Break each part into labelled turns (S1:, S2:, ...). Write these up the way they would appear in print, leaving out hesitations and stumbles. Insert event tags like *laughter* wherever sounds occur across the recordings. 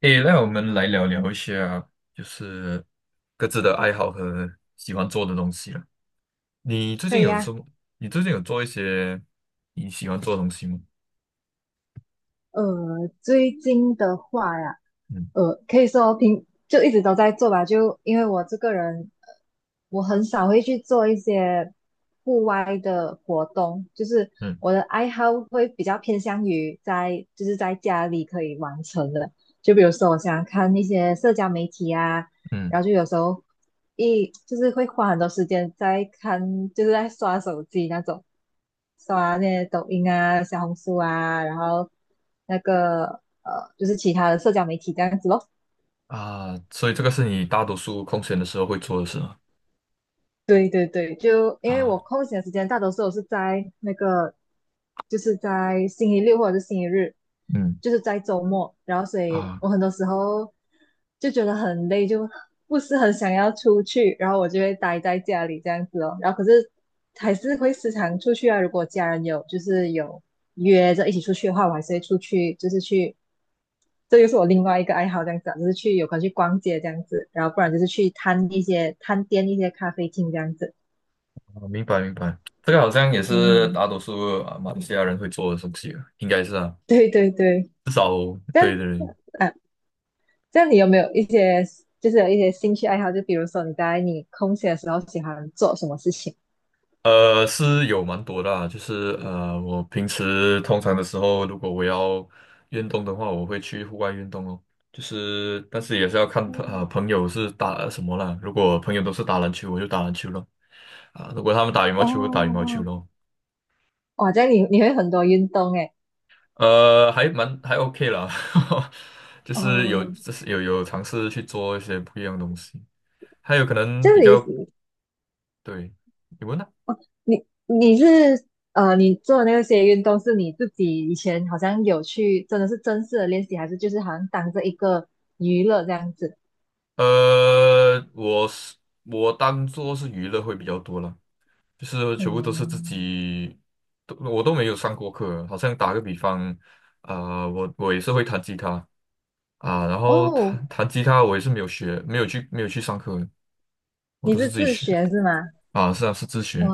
S1: 诶，那我们来聊聊一下，就是各自的爱好和喜欢做的东西了。你最
S2: 可
S1: 近
S2: 以
S1: 有什
S2: 呀。
S1: 么？你最近有做一些你喜欢做的东西吗？
S2: 呃，最近的话呀，
S1: 嗯
S2: 可以说平就一直都在做吧，就因为我这个人，我很少会去做一些户外的活动，就是
S1: 嗯
S2: 我的爱好会比较偏向于在就是在家里可以完成的，就比如说我想看一些社交媒体啊，
S1: 嗯
S2: 然后就有时候就是会花很多时间在看，就是在刷手机那种，刷那些抖音啊、小红书啊，然后那个就是其他的社交媒体这样子咯。
S1: 啊，所以这个是你大多数空闲的时候会做的事吗？
S2: 对对对，就因为我
S1: 啊，
S2: 空闲的时间大多数我是在那个，就是在星期六或者是星期日，
S1: 嗯
S2: 就是在周末，然后所以
S1: 啊，
S2: 我很多时候就觉得很累，就不是很想要出去，然后我就会待在家里这样子哦。然后可是还是会时常出去啊，如果家人有就是有约着一起出去的话，我还是会出去，就是去。这就是我另外一个爱好，这样子啊，就是去有空去逛街这样子，然后不然就是去探店一些咖啡厅这样子。
S1: 啊，明白明白，这个好像也是
S2: 嗯，
S1: 大多数啊马来西亚人会做的东西啊，应该是啊。
S2: 对对对，这样
S1: 对对。
S2: 啊，这样你有没有一些兴趣爱好？就比如说你空闲的时候喜欢做什么事情？
S1: 是有蛮多的啊，就是我平时通常的时候，如果我要运动的话，我会去户外运动哦。就是，但是也是要看
S2: 嗯，
S1: 朋友是打什么啦。如果朋友都是打篮球，我就打篮球咯。啊，如果他们打羽毛球，我打羽毛
S2: 哦，
S1: 球咯。
S2: 哇，这样你会很多运动诶。
S1: 还 OK 啦，*laughs* 就是
S2: 哦，
S1: 有有尝试去做一些不一样的东西，还有可
S2: 这
S1: 能
S2: 样
S1: 比较。对，你问呢？
S2: 你你是你做的那些运动是你自己以前好像有去，真的是正式的练习，还是就是好像当着一个娱乐这样子？
S1: 呃，我是我当做是娱乐会比较多了。就是全部都是自
S2: 嗯，
S1: 己，我都没有上过课。好像打个比方，啊、我也是会弹吉他，啊、然后
S2: 哦，
S1: 弹弹吉他我也是没有学，没有去上课，我
S2: 你
S1: 都是
S2: 是
S1: 自己
S2: 自
S1: 学。
S2: 学是吗？
S1: 啊，是啊，是自
S2: 哇，
S1: 学。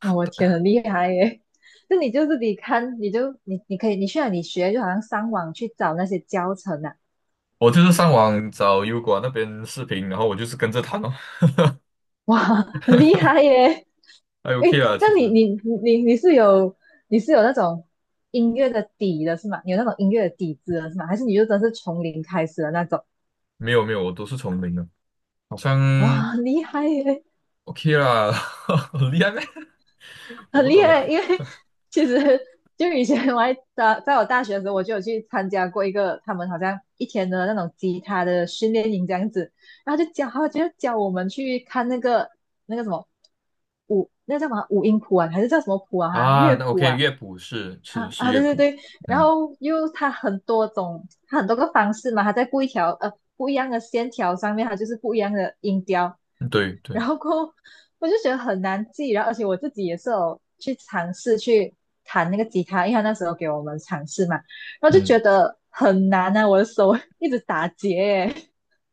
S2: 哦我天，很厉害耶！*laughs* 那你就自己看，你就你可以，你去哪里学？就好像上网去找那些教程啊，
S1: 我就是上网找油管那边视频，然后我就是跟着弹哦。*laughs*
S2: 哇，很厉害耶！
S1: 还 OK
S2: 诶，
S1: 啦。
S2: 这
S1: 其
S2: 样
S1: 实
S2: 你你是有你是有那种音乐的底的是吗？你有那种音乐的底子的是吗？还是你就真是从零开始的那种？
S1: 没有没有，我都是从零的，好像
S2: 哇，很厉害耶，
S1: OK 啦，*laughs* 很厉害咩？*laughs* 我
S2: 很
S1: 不
S2: 厉
S1: 懂哎。
S2: 害！因为其实就以前我还在我大学的时候，我就有去参加过一个他们好像一天的那种吉他的训练营这样子，然后就教我们去看那个什么那叫什么五音谱啊，还是叫什么谱啊？哈，
S1: 啊，
S2: 乐
S1: 那
S2: 谱
S1: OK，
S2: 啊。
S1: 乐谱
S2: 啊
S1: 是
S2: 啊，
S1: 乐
S2: 对对
S1: 谱。
S2: 对，然
S1: 嗯，
S2: 后又它很多种，它很多个方式嘛，它在不一样的线条上面，它就是不一样的音调，
S1: 对对。
S2: 然后过后我就觉得很难记，然后而且我自己也是有去尝试去弹那个吉他，因为他那时候给我们尝试嘛，然后就
S1: 嗯。
S2: 觉得很难啊，我的手 *laughs* 一直打结耶，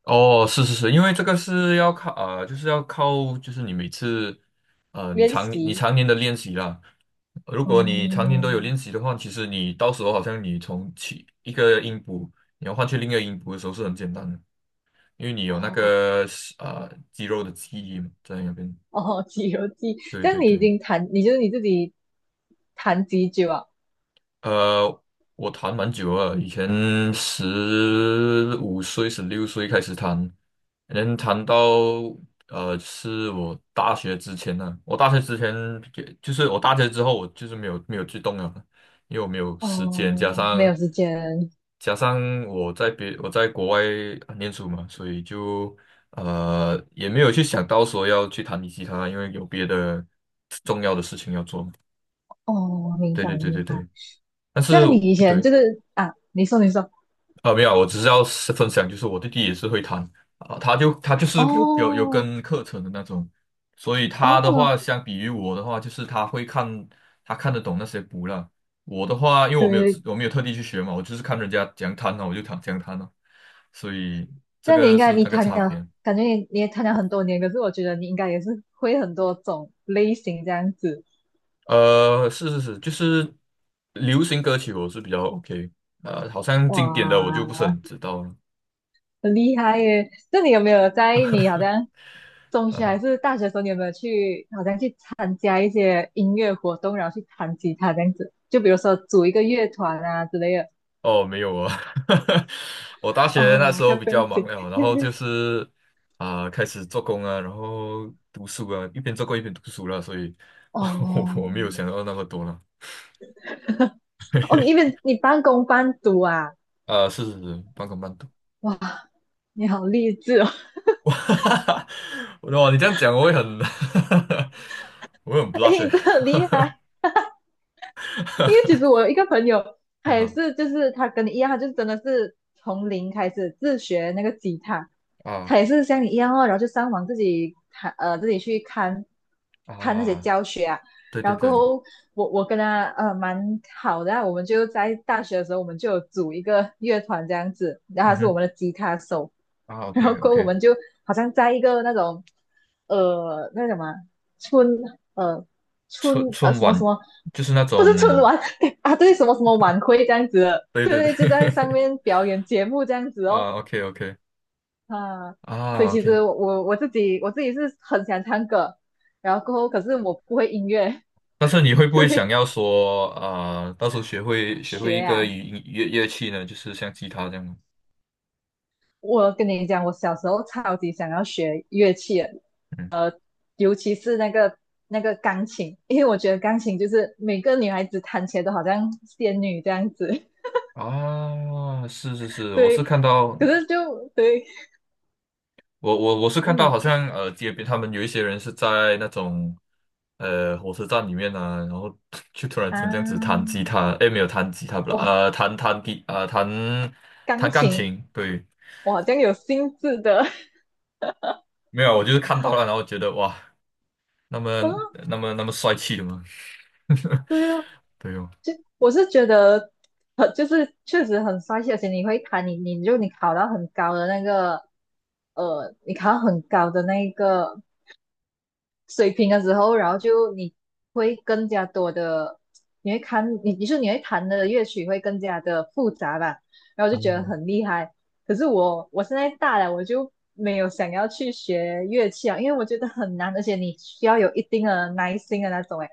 S1: 哦，是是是，因为这个是要靠就是要靠，就是你每次
S2: 练
S1: 你
S2: 习，
S1: 常年的练习啦。如果你常年都有
S2: 嗯，
S1: 练习的话，其实你到时候好像你从起一个音符，你要换去另一个音符的时候是很简单的，因为你有那
S2: 哦
S1: 个肌肉的记忆嘛，在那边。
S2: 哦，《西游记》，
S1: 对
S2: 这
S1: 对
S2: 样你已
S1: 对。
S2: 经弹，你就是你自己弹几久啊？
S1: 呃，我弹蛮久了，以前15岁、16岁开始弹，能弹到是我大学之前，也就是我大学之后，我就是没有去动了，因为我没有时间，加
S2: 哦，没
S1: 上
S2: 有时间。
S1: 加上我在别我在国外念书嘛，所以就也没有去想到说要去弹吉他，因为有别的重要的事情要做嘛。
S2: 哦，明
S1: 对
S2: 白
S1: 对对
S2: 明
S1: 对
S2: 白。
S1: 对。但
S2: 这
S1: 是
S2: 样你以前
S1: 对，
S2: 就是啊，你说你说，
S1: 啊，没有，我只是要是分享，就是我弟弟也是会弹啊。他就是有
S2: 哦
S1: 跟课程的那种，所以他的
S2: 哦，
S1: 话，相比于我的话，就是他看得懂那些谱了。我的话，因为
S2: 对对对
S1: 我没有特地去学嘛，我就是看人家怎样弹呢，我就弹怎样弹呢，所以
S2: 这
S1: 这
S2: 样你
S1: 个
S2: 应
S1: 是
S2: 该你
S1: 那个
S2: 谈
S1: 差
S2: 了，
S1: 别。
S2: 感觉你也谈了很多年，可是我觉得你应该也是会很多种类型这样子。
S1: 是是是，就是流行歌曲我是比较 OK，好像经典的我就
S2: 哇，
S1: 不是很知道了。
S2: 很厉害耶！那你有没有在你好像中学还是大学的时候，你有没有好像去参加一些音乐活动，然后去弹吉他这样子？就比如说组一个乐团啊之类的。
S1: 哦，没有啊，*laughs* 我大学那时
S2: 哦，叫
S1: 候比
S2: b e n
S1: 较忙了，然后就是啊、开始做工啊，然后读书啊，一边做工一边读书了，所以 *laughs* 我我
S2: 哦
S1: 没有想到那么多了。
S2: 哦，你因
S1: *laughs*
S2: 为你半工半读啊，
S1: 啊、是是是，半工半读。
S2: 哇，你好励志哦，
S1: *laughs* 哇，哇，你这样讲我会很 *laughs* 我会
S2: *laughs*
S1: 很
S2: 哎，
S1: blush
S2: 你
S1: 欸。
S2: 真的很厉害。因为其
S1: *laughs*
S2: 实我有一个朋友，他也
S1: 啊
S2: 是，就是他跟你一样，他就真的是从零开始自学那个吉他，
S1: 啊
S2: 他也是像你一样哦，然后就上网自己看，自己去看看那些
S1: 啊！
S2: 教学啊。
S1: 对
S2: 然
S1: 对
S2: 后过
S1: 对，
S2: 后，我跟他蛮好的啊我们就在大学的时候，我们就有组一个乐团这样子，然后
S1: 嗯
S2: 他是我
S1: 哼，
S2: 们的吉他手，
S1: 啊
S2: 然后
S1: ，OK
S2: 过后我
S1: OK，
S2: 们就好像在一个那种那个什么啊村呃
S1: 春
S2: 什么什
S1: 晚
S2: 么，
S1: 就是那
S2: 不是春
S1: 种，
S2: 晚 *laughs* 啊，对，什么什么晚会这样子的
S1: 对
S2: 对
S1: 对对。
S2: 对，就在上
S1: *laughs*
S2: 面表演节目这样子哦，
S1: 啊，OK OK。
S2: 啊，所以
S1: 啊
S2: 其
S1: ，OK，
S2: 实我自己是很想唱歌，然后可是我不会音乐，
S1: 但是你
S2: *laughs*
S1: 会不会想
S2: 对，
S1: 要说啊，到时候学会
S2: 学
S1: 一个
S2: 啊，
S1: 乐乐器呢？就是像吉他这样吗？
S2: 我跟你讲，我小时候超级想要学乐器的
S1: 嗯
S2: 尤其是那个钢琴，因为我觉得钢琴就是每个女孩子弹起来都好像仙女这样子，*laughs*
S1: 啊，是是是，我是
S2: 对。
S1: 看到
S2: 可是就对，
S1: 好
S2: 嗯，
S1: 像街边他们有一些人是在那种火车站里面啊，然后 *laughs* 就突然间这样子弹
S2: 啊，
S1: 吉他。诶，没有弹吉他不啦，
S2: 哇，
S1: 呃，弹弹吉啊、呃、弹
S2: 钢
S1: 弹钢
S2: 琴，
S1: 琴，对。
S2: 我好像有心智的 *laughs*
S1: 没有，我就是看到了，然后觉得哇，那么
S2: 啊，
S1: 那么那么帅气的吗？*laughs*
S2: 对啊，
S1: 对哦。
S2: 就我是觉得，就是确实很帅气，而且你会弹，你考到很高的那个，你考到很高的那个水平的时候，然后就你会更加多的，你会看，你说你会弹的乐曲会更加的复杂吧，然后就
S1: 啊，
S2: 觉得很厉害。可是我现在大了，我就没有想要去学乐器啊，因为我觉得很难，而且你需要有一定的耐心的那种，诶，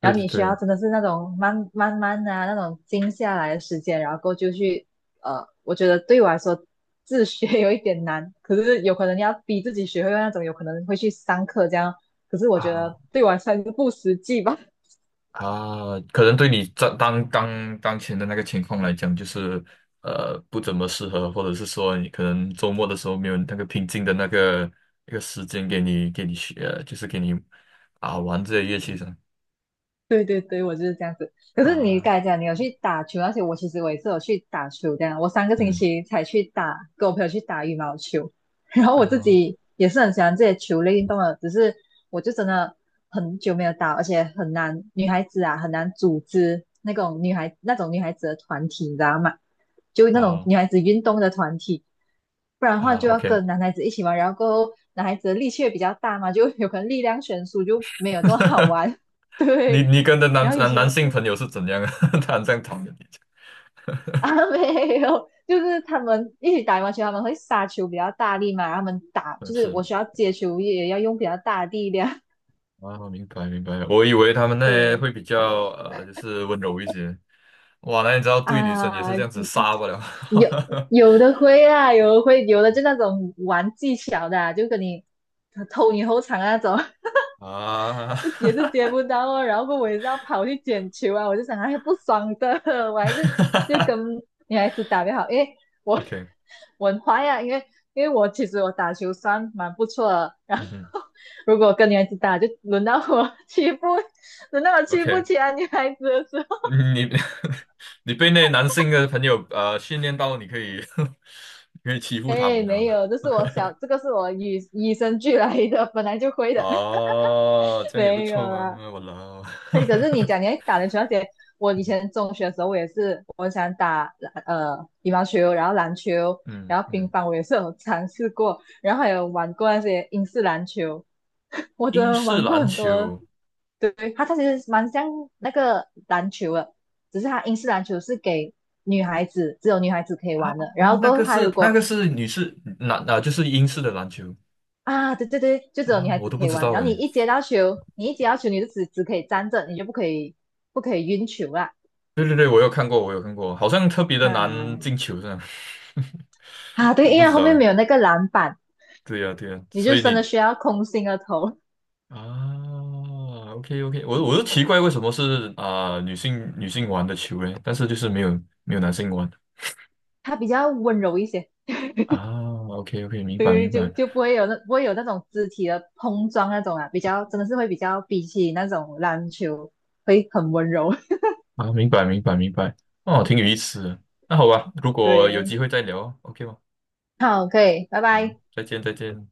S1: 对
S2: 然后
S1: 对
S2: 你需要
S1: 对，
S2: 真的是那种慢慢的，那种静下来的时间，然后过就去我觉得对我来说自学有一点难，*laughs* 可是有可能你要逼自己学会那种，有可能会去上课这样，可是我觉
S1: 啊
S2: 得对我来说还是不实际吧。
S1: 啊，可能对你当前的那个情况来讲，就是不怎么适合，或者是说你可能周末的时候没有那个平静的那个一个时间给你学，就是给你啊玩这些乐器上
S2: 对对对，我就是这样子。可是你
S1: 啊，
S2: 刚才讲你有去打球那些，而且我其实也是有去打球这样。我三个星
S1: 嗯
S2: 期才去打，跟我朋友去打羽毛球。*laughs* 然后我自
S1: 啊
S2: 己也是很喜欢这些球类运动的，只是我就真的很久没有打，而且很难，女孩子啊很难组织那种女孩子的团体，你知道吗？就那种
S1: 啊
S2: 女孩子运动的团体，不然的话
S1: 啊
S2: 就要
S1: ，OK，
S2: 跟男孩子一起玩，然后过后男孩子的力气也比较大嘛，就有可能力量悬殊就没有这么好
S1: *laughs*
S2: 玩。*laughs* 对，
S1: 你跟的
S2: 然后以
S1: 男
S2: 前
S1: 性朋友是怎样啊？*laughs* 他很这样讨厌你，
S2: 啊没有，就是他们一起打羽毛球，他们会杀球比较大力嘛，然后他们打
S1: *laughs* 嗯
S2: 就是
S1: 是。
S2: 我需要接球也要用比较大的力量。
S1: 啊，明白明白，我以为他们
S2: *laughs*
S1: 那
S2: 对
S1: 会比较就是温柔一些。哇，那你知道对女生也
S2: 啊，
S1: 是这样子杀不了
S2: 有
S1: *laughs*
S2: 有的会啊，有的会，有的就那种玩技巧的啊就跟你偷你后场啊那种。
S1: 啊
S2: *laughs* 就也是接不到哦，然后我也是要跑去捡球啊，我就想哎不爽的，*laughs* 我还是就
S1: *laughs*
S2: 跟女孩子打比较好，因为我
S1: ？OK，
S2: *laughs* 我很坏啊，因为我其实打球算蛮不错的，然后
S1: 嗯哼
S2: *laughs* 如果跟女孩子打，就轮到我欺负，*laughs* 轮到我欺负
S1: ，OK，
S2: 其他女孩子的时候，
S1: 你 *laughs* 你被那男性的朋友训练到你可以 *laughs* 你可以欺
S2: *laughs*
S1: 负他
S2: 哎
S1: 们
S2: 没
S1: 了。
S2: 有，这个是我与生俱来的，本来就会的，*laughs*
S1: 哦，这样也不
S2: 没有
S1: 错嘛，
S2: 啦。
S1: 我老，
S2: *laughs* 对，可是你讲你还打篮球那些，我以
S1: *laughs*
S2: 前中学的时候，我也是，我很想打呃羽毛球，然后篮球，
S1: 嗯
S2: 然后乒
S1: 嗯，
S2: 乓，我也是有尝试过，然后还有玩过那些英式篮球，*laughs* 我真
S1: 英
S2: 的
S1: 式
S2: 玩过
S1: 篮
S2: 很多。
S1: 球。
S2: 对，它其实蛮像那个篮球的，只是它英式篮球是给女孩子，只有女孩子可以玩的。然后
S1: 哦，
S2: 过后，它如
S1: 那
S2: 果
S1: 个是女士篮啊，就是英式的篮球。
S2: 啊，对对对，就只有女
S1: 啊，
S2: 孩
S1: 我
S2: 子
S1: 都
S2: 可
S1: 不
S2: 以
S1: 知
S2: 玩。
S1: 道
S2: 然后你
S1: 诶。
S2: 一接到球，你一接到球，你就只可以站着，你就不可以不可以运球啦。
S1: 对对对，我有看过，我有看过，好像特别的难
S2: 啊，
S1: 进球这样，
S2: 啊，
S1: *laughs*
S2: 对，
S1: 我
S2: 因
S1: 不
S2: 为
S1: 知
S2: 后
S1: 道
S2: 面
S1: 诶。
S2: 没有那个篮板，
S1: 对呀对呀，
S2: 你
S1: 所
S2: 就
S1: 以
S2: 真的
S1: 你
S2: 需要空心的投，
S1: 啊，OK OK，我都奇怪为什么是啊、女性玩的球诶，但是就是没有男性玩
S2: *laughs* 它比较温柔一些，
S1: 啊。OK OK，明白明
S2: 对，就
S1: 白。
S2: 就不会有那不会有那种肢体的碰撞那种啊，比较真的是会比起那种篮球会很温柔。*laughs*
S1: 啊，明白明白明白，哦，挺有意思的。那好吧，如果有
S2: 对，
S1: 机会再聊哦，OK 吗？
S2: 好，可以，拜
S1: 好吧，
S2: 拜。
S1: 再见再见。